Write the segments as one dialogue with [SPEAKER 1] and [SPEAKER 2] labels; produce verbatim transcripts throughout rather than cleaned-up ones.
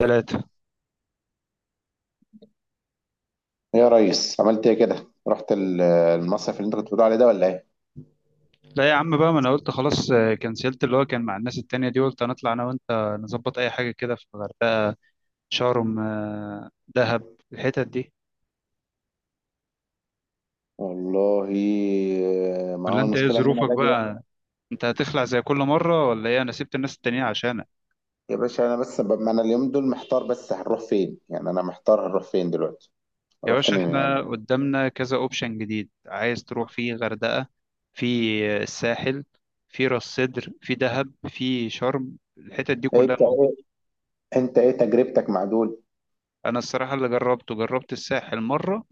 [SPEAKER 1] ثلاثة.
[SPEAKER 2] ايه يا ريس عملت ايه كده رحت ال- المصيف اللي انت كنت بتقول عليه ده ولا ايه؟
[SPEAKER 1] لا يا عم بقى، ما انا قلت خلاص، آه، كنسلت اللي هو كان مع الناس التانية دي، قلت هنطلع انا وانت نظبط اي حاجة كده في الغردقة، شرم، آه، دهب، الحتت دي.
[SPEAKER 2] والله. آه، ما
[SPEAKER 1] ولا
[SPEAKER 2] هو
[SPEAKER 1] انت ايه
[SPEAKER 2] المشكله ان انا
[SPEAKER 1] ظروفك
[SPEAKER 2] باجي بقى.
[SPEAKER 1] بقى؟ انت هتخلع زي كل مرة ولا ايه؟ انا سبت الناس التانية عشانك.
[SPEAKER 2] يا باشا انا بس ب... ما انا اليوم دول محتار، بس هنروح فين؟ يعني انا محتار هنروح فين دلوقتي؟
[SPEAKER 1] يا
[SPEAKER 2] هنروح
[SPEAKER 1] باشا
[SPEAKER 2] فين
[SPEAKER 1] احنا
[SPEAKER 2] يعني؟
[SPEAKER 1] قدامنا كذا اوبشن جديد، عايز تروح فيه غردقة، في الساحل، في راس سدر، في دهب، في شرم، الحتت دي
[SPEAKER 2] إيه
[SPEAKER 1] كلها
[SPEAKER 2] انت،
[SPEAKER 1] موجودة.
[SPEAKER 2] انت ايه تجربتك مع دول؟
[SPEAKER 1] انا الصراحة اللي جربته، جربت الساحل مرة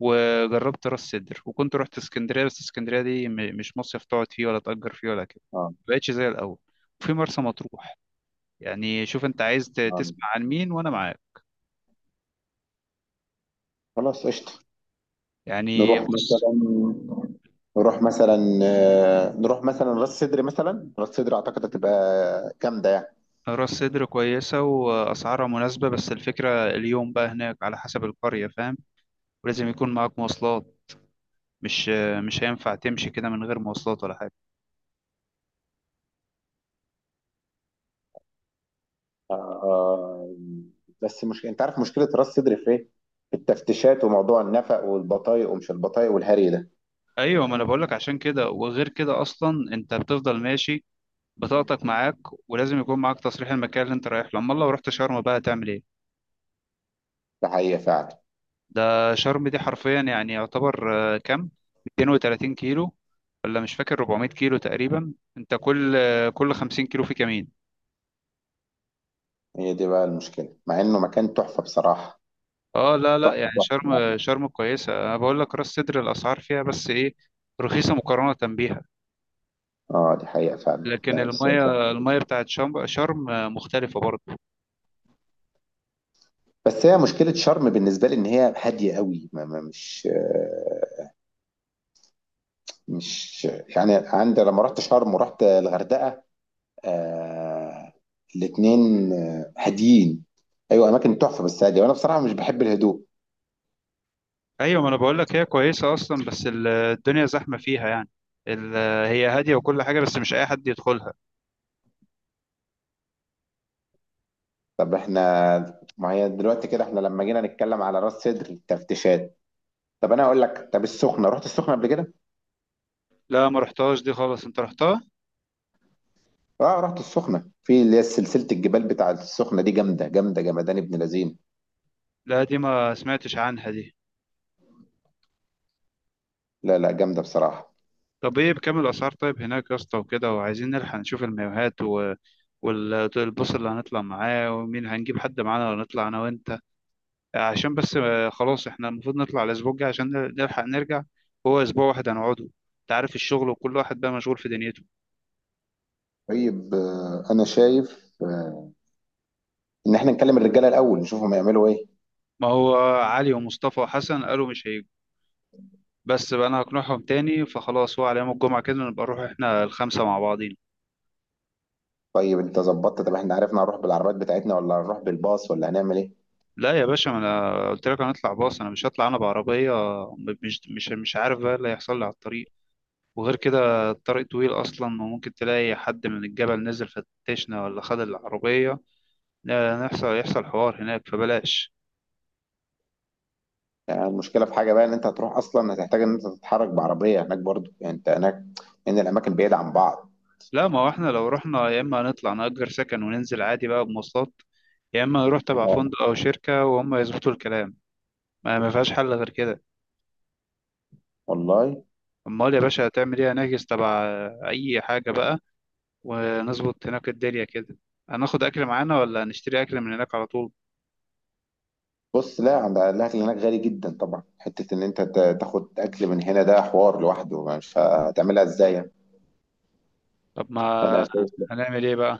[SPEAKER 1] وجربت راس سدر، وكنت رحت اسكندريه، بس اسكندريه دي م- مش مصيف تقعد فيه ولا تأجر فيه ولا كده،
[SPEAKER 2] اه.
[SPEAKER 1] مبقتش زي الاول. وفي مرسى مطروح، يعني شوف انت عايز ت-
[SPEAKER 2] آه.
[SPEAKER 1] تسمع عن مين وانا معاك.
[SPEAKER 2] خلاص قشطه.
[SPEAKER 1] يعني
[SPEAKER 2] نروح
[SPEAKER 1] بص،
[SPEAKER 2] مثلا نروح مثلا، آه، نروح مثلا راس سدر، مثلا راس سدر اعتقد هتبقى جامده يعني.
[SPEAKER 1] راس سدر كويسة وأسعارها مناسبة، بس الفكرة اليوم بقى هناك على حسب القرية، فاهم؟ ولازم يكون معاك مواصلات، مش مش هينفع تمشي كده من غير مواصلات ولا حاجة.
[SPEAKER 2] آه، آه، بس مش انت عارف مشكله راس صدر في ايه؟ في التفتيشات وموضوع النفق والبطايق، ومش البطايق والهري ده.
[SPEAKER 1] أيوة، ما أنا بقولك عشان كده، وغير كده أصلا أنت بتفضل ماشي، بطاقتك معاك، ولازم يكون معاك تصريح المكان اللي انت رايح له. امال لو رحت شرم بقى تعمل ايه؟
[SPEAKER 2] ده حقيقه فعلا.
[SPEAKER 1] ده شرم دي حرفيا يعني يعتبر آه، كام، 230 كيلو، ولا مش فاكر، 400 كيلو تقريبا. انت كل آه، كل 50 كيلو في كمين.
[SPEAKER 2] هي دي بقى المشكله، مع انه مكان تحفه بصراحه.
[SPEAKER 1] اه لا لا،
[SPEAKER 2] تحفه
[SPEAKER 1] يعني
[SPEAKER 2] تحفه يعني.
[SPEAKER 1] شرم شرم كويسه، انا بقول لك راس سدر الاسعار فيها بس ايه، رخيصه مقارنه بيها.
[SPEAKER 2] اه دي حقيقه فعلا،
[SPEAKER 1] لكن
[SPEAKER 2] لا بس هو
[SPEAKER 1] الميه
[SPEAKER 2] تحفة.
[SPEAKER 1] الميه بتاعت شرم شرم آه، مختلفه برضه.
[SPEAKER 2] بس هي مشكله شرم بالنسبه لي ان هي هاديه قوي ما ما مش آه، مش، يعني عندي لما رحت شرم ورحت الغردقه، آه الاثنين هاديين. ايوه اماكن تحفه بس هاديه، وانا بصراحه مش بحب الهدوء.
[SPEAKER 1] ايوه، ما انا بقول لك هي كويسه اصلا، بس ال- الدنيا زحمه فيها يعني. ال- هي هاديه وكل حاجه، بس مش اي حد يدخلها.
[SPEAKER 2] طب احنا، ما هي دلوقتي كده احنا لما جينا نتكلم على راس سدر التفتيشات. طب انا اقول لك، طب السخنه، رحت السخنه قبل كده؟
[SPEAKER 1] لا، ما رحتهاش دي خالص، انت رحتها.
[SPEAKER 2] اه رحت السخنه، في اللي هي سلسله الجبال بتاعه السخنه دي، جامده جامده، جمدان ابن لذين.
[SPEAKER 1] لا دي ما سمعتش عنها دي.
[SPEAKER 2] لا لا جامده بصراحه.
[SPEAKER 1] طب ايه بكام الاسعار طيب هناك يا اسطى وكده؟ وعايزين نلحق نشوف المايوهات، و... والبص اللي هنطلع معاه، ومين هنجيب حد معانا ولا نطلع انا وانت؟ عشان بس آه، خلاص احنا المفروض نطلع الاسبوع الجاي عشان نلحق نرجع. هو اسبوع واحد هنقعده، انت عارف الشغل، وكل واحد بقى مشغول في دنيته.
[SPEAKER 2] طيب آه، انا شايف آه، ان احنا نكلم الرجاله الاول نشوفهم يعملوا ايه.
[SPEAKER 1] ما هو علي ومصطفى وحسن قالوا مش هيجوا، بس بقى انا هقنعهم تاني. فخلاص، هو على يوم الجمعة كده، نبقى نروح احنا الخمسة مع بعضين.
[SPEAKER 2] طيب انت ظبطت؟ طب احنا عرفنا هنروح بالعربيات بتاعتنا ولا هنروح بالباص ولا هنعمل ايه؟
[SPEAKER 1] لا يا باشا، ما انا قلت لك هنطلع باص، انا مش هطلع انا بعربية. مش مش مش عارف بقى إيه اللي هيحصل لي على الطريق، وغير كده الطريق طويل اصلا، وممكن تلاقي حد من الجبل نزل فتشنا ولا خد العربية، لا، نحصل يحصل حوار هناك فبلاش.
[SPEAKER 2] يعني المشكله في حاجه بقى، ان انت هتروح اصلا هتحتاج ان انت تتحرك بعربيه هناك برضو، يعني انت هناك ان الاماكن بعيده عن بعض.
[SPEAKER 1] لا، ما هو احنا لو رحنا، يا اما هنطلع نأجر سكن وننزل عادي بقى بمواصلات، يا اما نروح تبع
[SPEAKER 2] آه.
[SPEAKER 1] فندق او شركة وهم يظبطوا الكلام. ما ما فيهاش حل غير كده.
[SPEAKER 2] والله.
[SPEAKER 1] امال يا باشا هتعمل ايه؟ هنحجز تبع اي حاجه بقى، ونظبط هناك الدنيا كده. هناخد اكل معانا ولا هنشتري اكل من هناك على طول؟
[SPEAKER 2] بص، لا عند الاكل هناك غالي جدا طبعا، حته ان انت تا- تاخد اكل من هنا ده حوار لوحده مش هتعملها ازاي يعني.
[SPEAKER 1] طب
[SPEAKER 2] فانا
[SPEAKER 1] ما
[SPEAKER 2] شايف لا،
[SPEAKER 1] هنعمل ايه بقى؟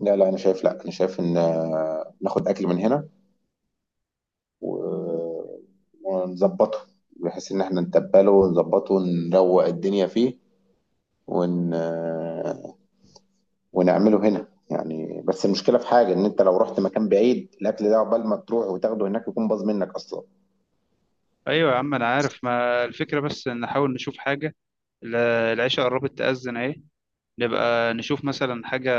[SPEAKER 2] لا لا انا شايف، لا انا شايف ان آه، ناخد اكل من هنا، و- ونظبطه، بحيث ان احنا نتبله ونظبطه ونروق الدنيا فيه، ون... آه، ونعمله هنا يعني. بس المشكله في حاجه، ان انت لو رحت مكان بعيد الاكل ده عقبال ما تروح وتاخده هناك يكون باظ منك اصلا.
[SPEAKER 1] ايوه يا عم انا عارف، ما الفكره بس إن نحاول نشوف حاجه. ال- العشاء قربت تأذن اهي، نبقى نشوف مثلا حاجه.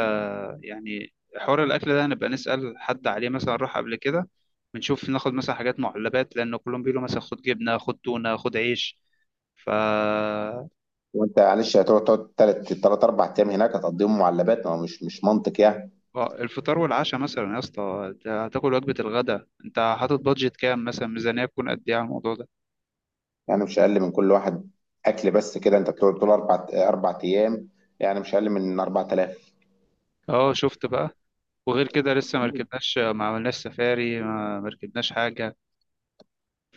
[SPEAKER 1] يعني حوار الاكل ده نبقى نسأل حد عليه مثلا راح قبل كده، بنشوف ناخد مثلا حاجات معلبات، لان كلهم بيقولوا مثلا خد جبنه خد تونه خد عيش. ف
[SPEAKER 2] وانت معلش هتقعد تقعد تلات تلات اربع ايام هناك هتقضيهم معلبات، ما هو مش مش منطق يعني.
[SPEAKER 1] آه، الفطار والعشاء مثلا يا اسطى، أنت هتاكل وجبة الغداء، انت حاطط بادجت كام مثلا؟ ميزانية تكون قد ايه على الموضوع ده؟
[SPEAKER 2] يعني مش اقل من كل واحد، اكل بس، كده انت بتقعد طول اربع اربع ايام، يعني مش اقل من أربعة آلاف.
[SPEAKER 1] اه شفت بقى؟ وغير كده لسه ما
[SPEAKER 2] مش
[SPEAKER 1] ركبناش، ما عملناش سفاري، ما ما ركبناش حاجة.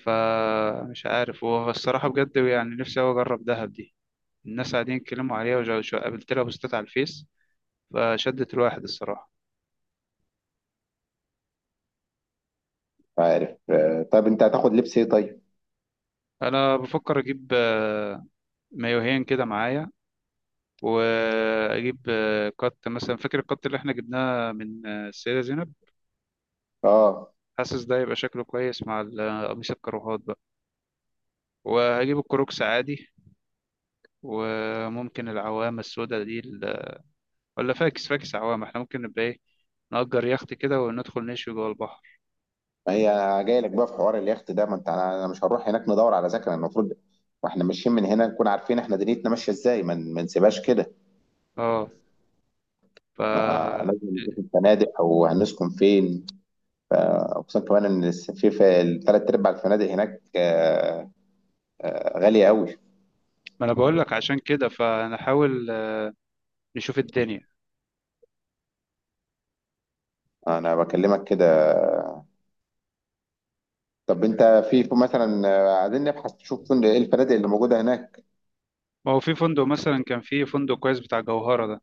[SPEAKER 1] فمش عارف، هو الصراحة بجد يعني نفسي أوي أجرب دهب دي. الناس قاعدين يتكلموا عليها، وجا- شو- قابلت لها بوستات على الفيس، فشدت الواحد الصراحة.
[SPEAKER 2] عارف آه، طيب انت هتاخد لبس ايه طيب؟
[SPEAKER 1] أنا بفكر أجيب آه، مايوهين كده معايا، وأجيب آه، قط مثلا، فاكر القط اللي احنا جبناه من آه، السيدة زينب؟
[SPEAKER 2] اه.
[SPEAKER 1] حاسس ده يبقى شكله كويس مع ال- قميص الكروهات بقى، وهجيب الكروكس عادي. وممكن العوامة السوداء دي ال- ولا فاكس فاكس عوامة، احنا ممكن نبقى ايه، نأجر يخت كده وندخل نشوي جوه البحر.
[SPEAKER 2] ما هي، جاي لك بقى في حوار اليخت ده، ما انت انا أنا مش هنروح هناك، ندور على سكن المفروض، واحنا ماشيين من هنا نكون عارفين احنا دنيتنا ماشيه ازاي، ما ن- ما نسيبهاش كده.
[SPEAKER 1] اه. ف
[SPEAKER 2] ما لازم نشوف الفنادق او هنسكن فين. فاقسم كمان ان في في الثلاث ارباع الفنادق هناك آه، آه، غاليه قوي.
[SPEAKER 1] ما انا بقول لك عشان كده، فنحاول آه، نشوف الدنيا.
[SPEAKER 2] انا بكلمك كده. طب انت، في في مثلا آه، عايزين نبحث نشوف فين- ايه الفنادق اللي موجوده هناك.
[SPEAKER 1] ما هو في فندق مثلا، كان في فندق كويس بتاع جوهرة ده،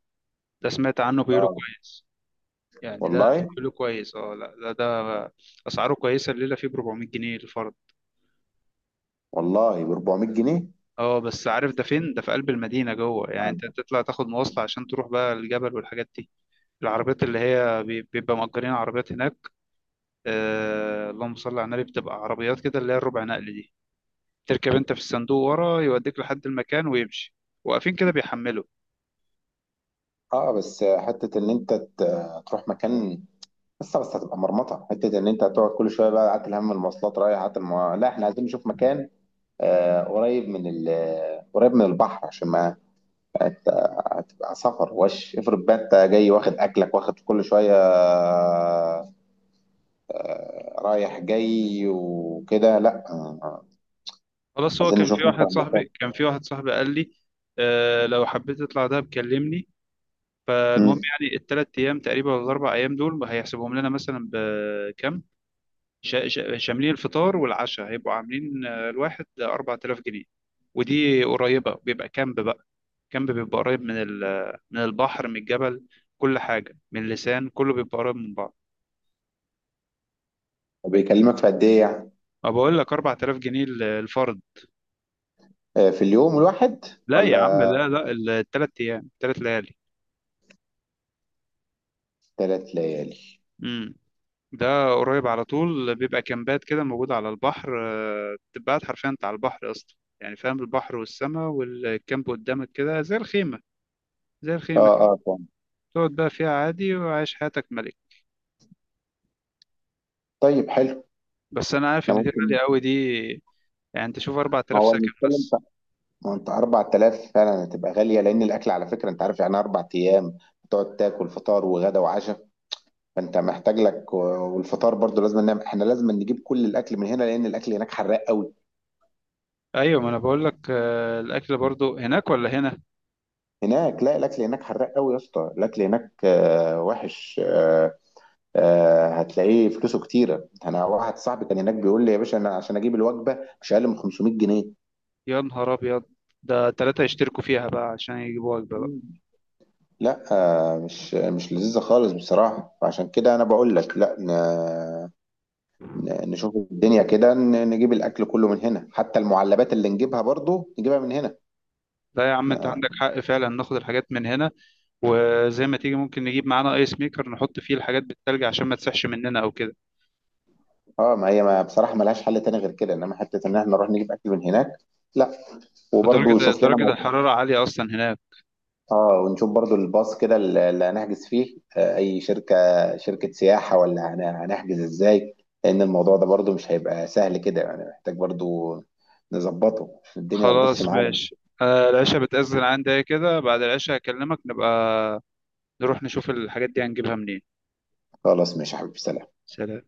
[SPEAKER 1] ده سمعت عنه بيقولوا
[SPEAKER 2] اه.
[SPEAKER 1] كويس، يعني ده
[SPEAKER 2] والله.
[SPEAKER 1] بيقولوا كويس. اه لا ده ده اسعاره كويسة، الليلة فيه ب أربعمية جنيه الفرد.
[SPEAKER 2] والله ب أربعمائة جنيه.
[SPEAKER 1] اه بس عارف ده فين؟ ده في قلب المدينة جوه، يعني
[SPEAKER 2] اه.
[SPEAKER 1] انت تطلع تاخد مواصلة عشان تروح بقى الجبل والحاجات دي. العربيات اللي هي بي- بيبقى مأجرين عربيات هناك، آه اللهم صل على النبي، بتبقى عربيات كده اللي هي الربع نقل دي، تركب انت في الصندوق ورا يوديك لحد المكان ويمشي، واقفين كده بيحملوا.
[SPEAKER 2] آه، بس حته ان انت ت- تروح مكان، بس بس هتبقى مرمطه، حته ان انت هتقعد كل شويه بقى قعدت الهم المواصلات رايح، قعدت الم... لا احنا عايزين نشوف مكان، آه قريب من ال... قريب من البحر عشان ما هتبقى سفر. وش افرض بقى انت جاي واخد اكلك واخد كل شويه، آه، رايح جاي وكده، لا آه،
[SPEAKER 1] خلاص، هو
[SPEAKER 2] عايزين
[SPEAKER 1] كان
[SPEAKER 2] نشوف
[SPEAKER 1] في واحد
[SPEAKER 2] مثلا مكان.
[SPEAKER 1] صاحبي كان في واحد صاحبي قال لي آه لو حبيت تطلع ده بكلمني.
[SPEAKER 2] امم
[SPEAKER 1] فالمهم يعني الثلاث ايام تقريبا ولا الاربع ايام دول هيحسبهم لنا مثلا بكام؟ شا- شا- شاملين الفطار والعشاء، هيبقوا عاملين آه، الواحد أربعة آلاف جنيه. ودي قريبة، بيبقى كامب بقى، كامب بيبقى قريب من ال- من البحر، من الجبل، كل حاجة من اللسان كله بيبقى قريب من بعض.
[SPEAKER 2] بيكلمك في قد ايه يعني؟
[SPEAKER 1] ما بقول لك أربعة آلاف جنيه ال- الفرد.
[SPEAKER 2] آه، في اليوم الواحد
[SPEAKER 1] لا يا عم
[SPEAKER 2] ولا
[SPEAKER 1] لا لا، الثلاث أيام، ثلاث ليالي.
[SPEAKER 2] ثلاث ليالي؟
[SPEAKER 1] امم، ده قريب على طول، بيبقى كامبات كده موجودة على البحر، آه، بتبقى قاعد حرفيا انت على البحر اصلا، يعني فاهم، البحر والسماء والكامب قدامك كده زي الخيمة، زي
[SPEAKER 2] اه.
[SPEAKER 1] الخيمة.
[SPEAKER 2] اه طبعا.
[SPEAKER 1] تقعد بقى فيها عادي، وعايش حياتك ملك.
[SPEAKER 2] طيب حلو.
[SPEAKER 1] بس انا عارف ان
[SPEAKER 2] احنا
[SPEAKER 1] دي
[SPEAKER 2] ممكن،
[SPEAKER 1] غالية قوي دي، يعني انت شوف
[SPEAKER 2] ما
[SPEAKER 1] أربعة آلاف
[SPEAKER 2] هو
[SPEAKER 1] سكن
[SPEAKER 2] المشكله انت،
[SPEAKER 1] بس.
[SPEAKER 2] ما هو انت أربعة آلاف فعلا هتبقى غاليه لان الاكل على فكره انت عارف، يعني اربع ايام تقعد تاكل فطار وغدا وعشاء، فانت محتاج لك، والفطار برضو لازم نعمل، احنا لازم نجيب كل الاكل من هنا لان الاكل هناك حراق قوي.
[SPEAKER 1] ايوه، ما انا بقول لك آه، الاكل برضو هناك ولا هنا.
[SPEAKER 2] هناك لا، الاكل هناك حراق قوي يا اسطى، الاكل هناك آه، وحش، آه، آه، هتلاقيه فلوسه كتيره. انا واحد صاحبي كان هناك بيقول لي يا باشا، انا عشان اجيب الوجبه مش اقل من خمسمائة جنيه.
[SPEAKER 1] يا نهار ابيض، ده ثلاثة يشتركوا فيها بقى عشان يجيبوا وجبة بقى.
[SPEAKER 2] مم. لا آه، مش مش لذيذة خالص بصراحة. فعشان كده أنا بقول لك لا، ن- ن- نشوف الدنيا كده، ن- نجيب الأكل كله من هنا حتى المعلبات اللي نجيبها برضو نجيبها من
[SPEAKER 1] لا يا عم، انت
[SPEAKER 2] هنا.
[SPEAKER 1] عندك حق فعلا، ناخد الحاجات من هنا، وزي ما تيجي ممكن نجيب معانا ايس ميكر نحط فيه الحاجات بالتلج عشان ما تسحش مننا او كده.
[SPEAKER 2] اه، ما هي ما بصراحه ملهاش حل تاني غير كده، انما حته ان احنا نروح نجيب اكل من هناك، لا. وبرضه
[SPEAKER 1] ودرجة
[SPEAKER 2] شوف لنا
[SPEAKER 1] درجة
[SPEAKER 2] موضوع.
[SPEAKER 1] الحرارة عالية أصلا هناك.
[SPEAKER 2] اه ونشوف برضه الباص كده اللي اللي هنحجز فيه آه، اي شركه، شركه سياحه ولا هن- هنحجز ازاي؟ لان الموضوع ده برضه مش هيبقى سهل كده يعني، محتاج برضه نظبطه عشان الدنيا ما تبصش
[SPEAKER 1] خلاص
[SPEAKER 2] معانا.
[SPEAKER 1] ماشي، آه العشاء بتأذن عندي كده، بعد العشاء هكلمك، نبقى نروح نشوف الحاجات دي هنجيبها منين.
[SPEAKER 2] خلاص ماشي يا حبيبي، سلام.
[SPEAKER 1] سلام.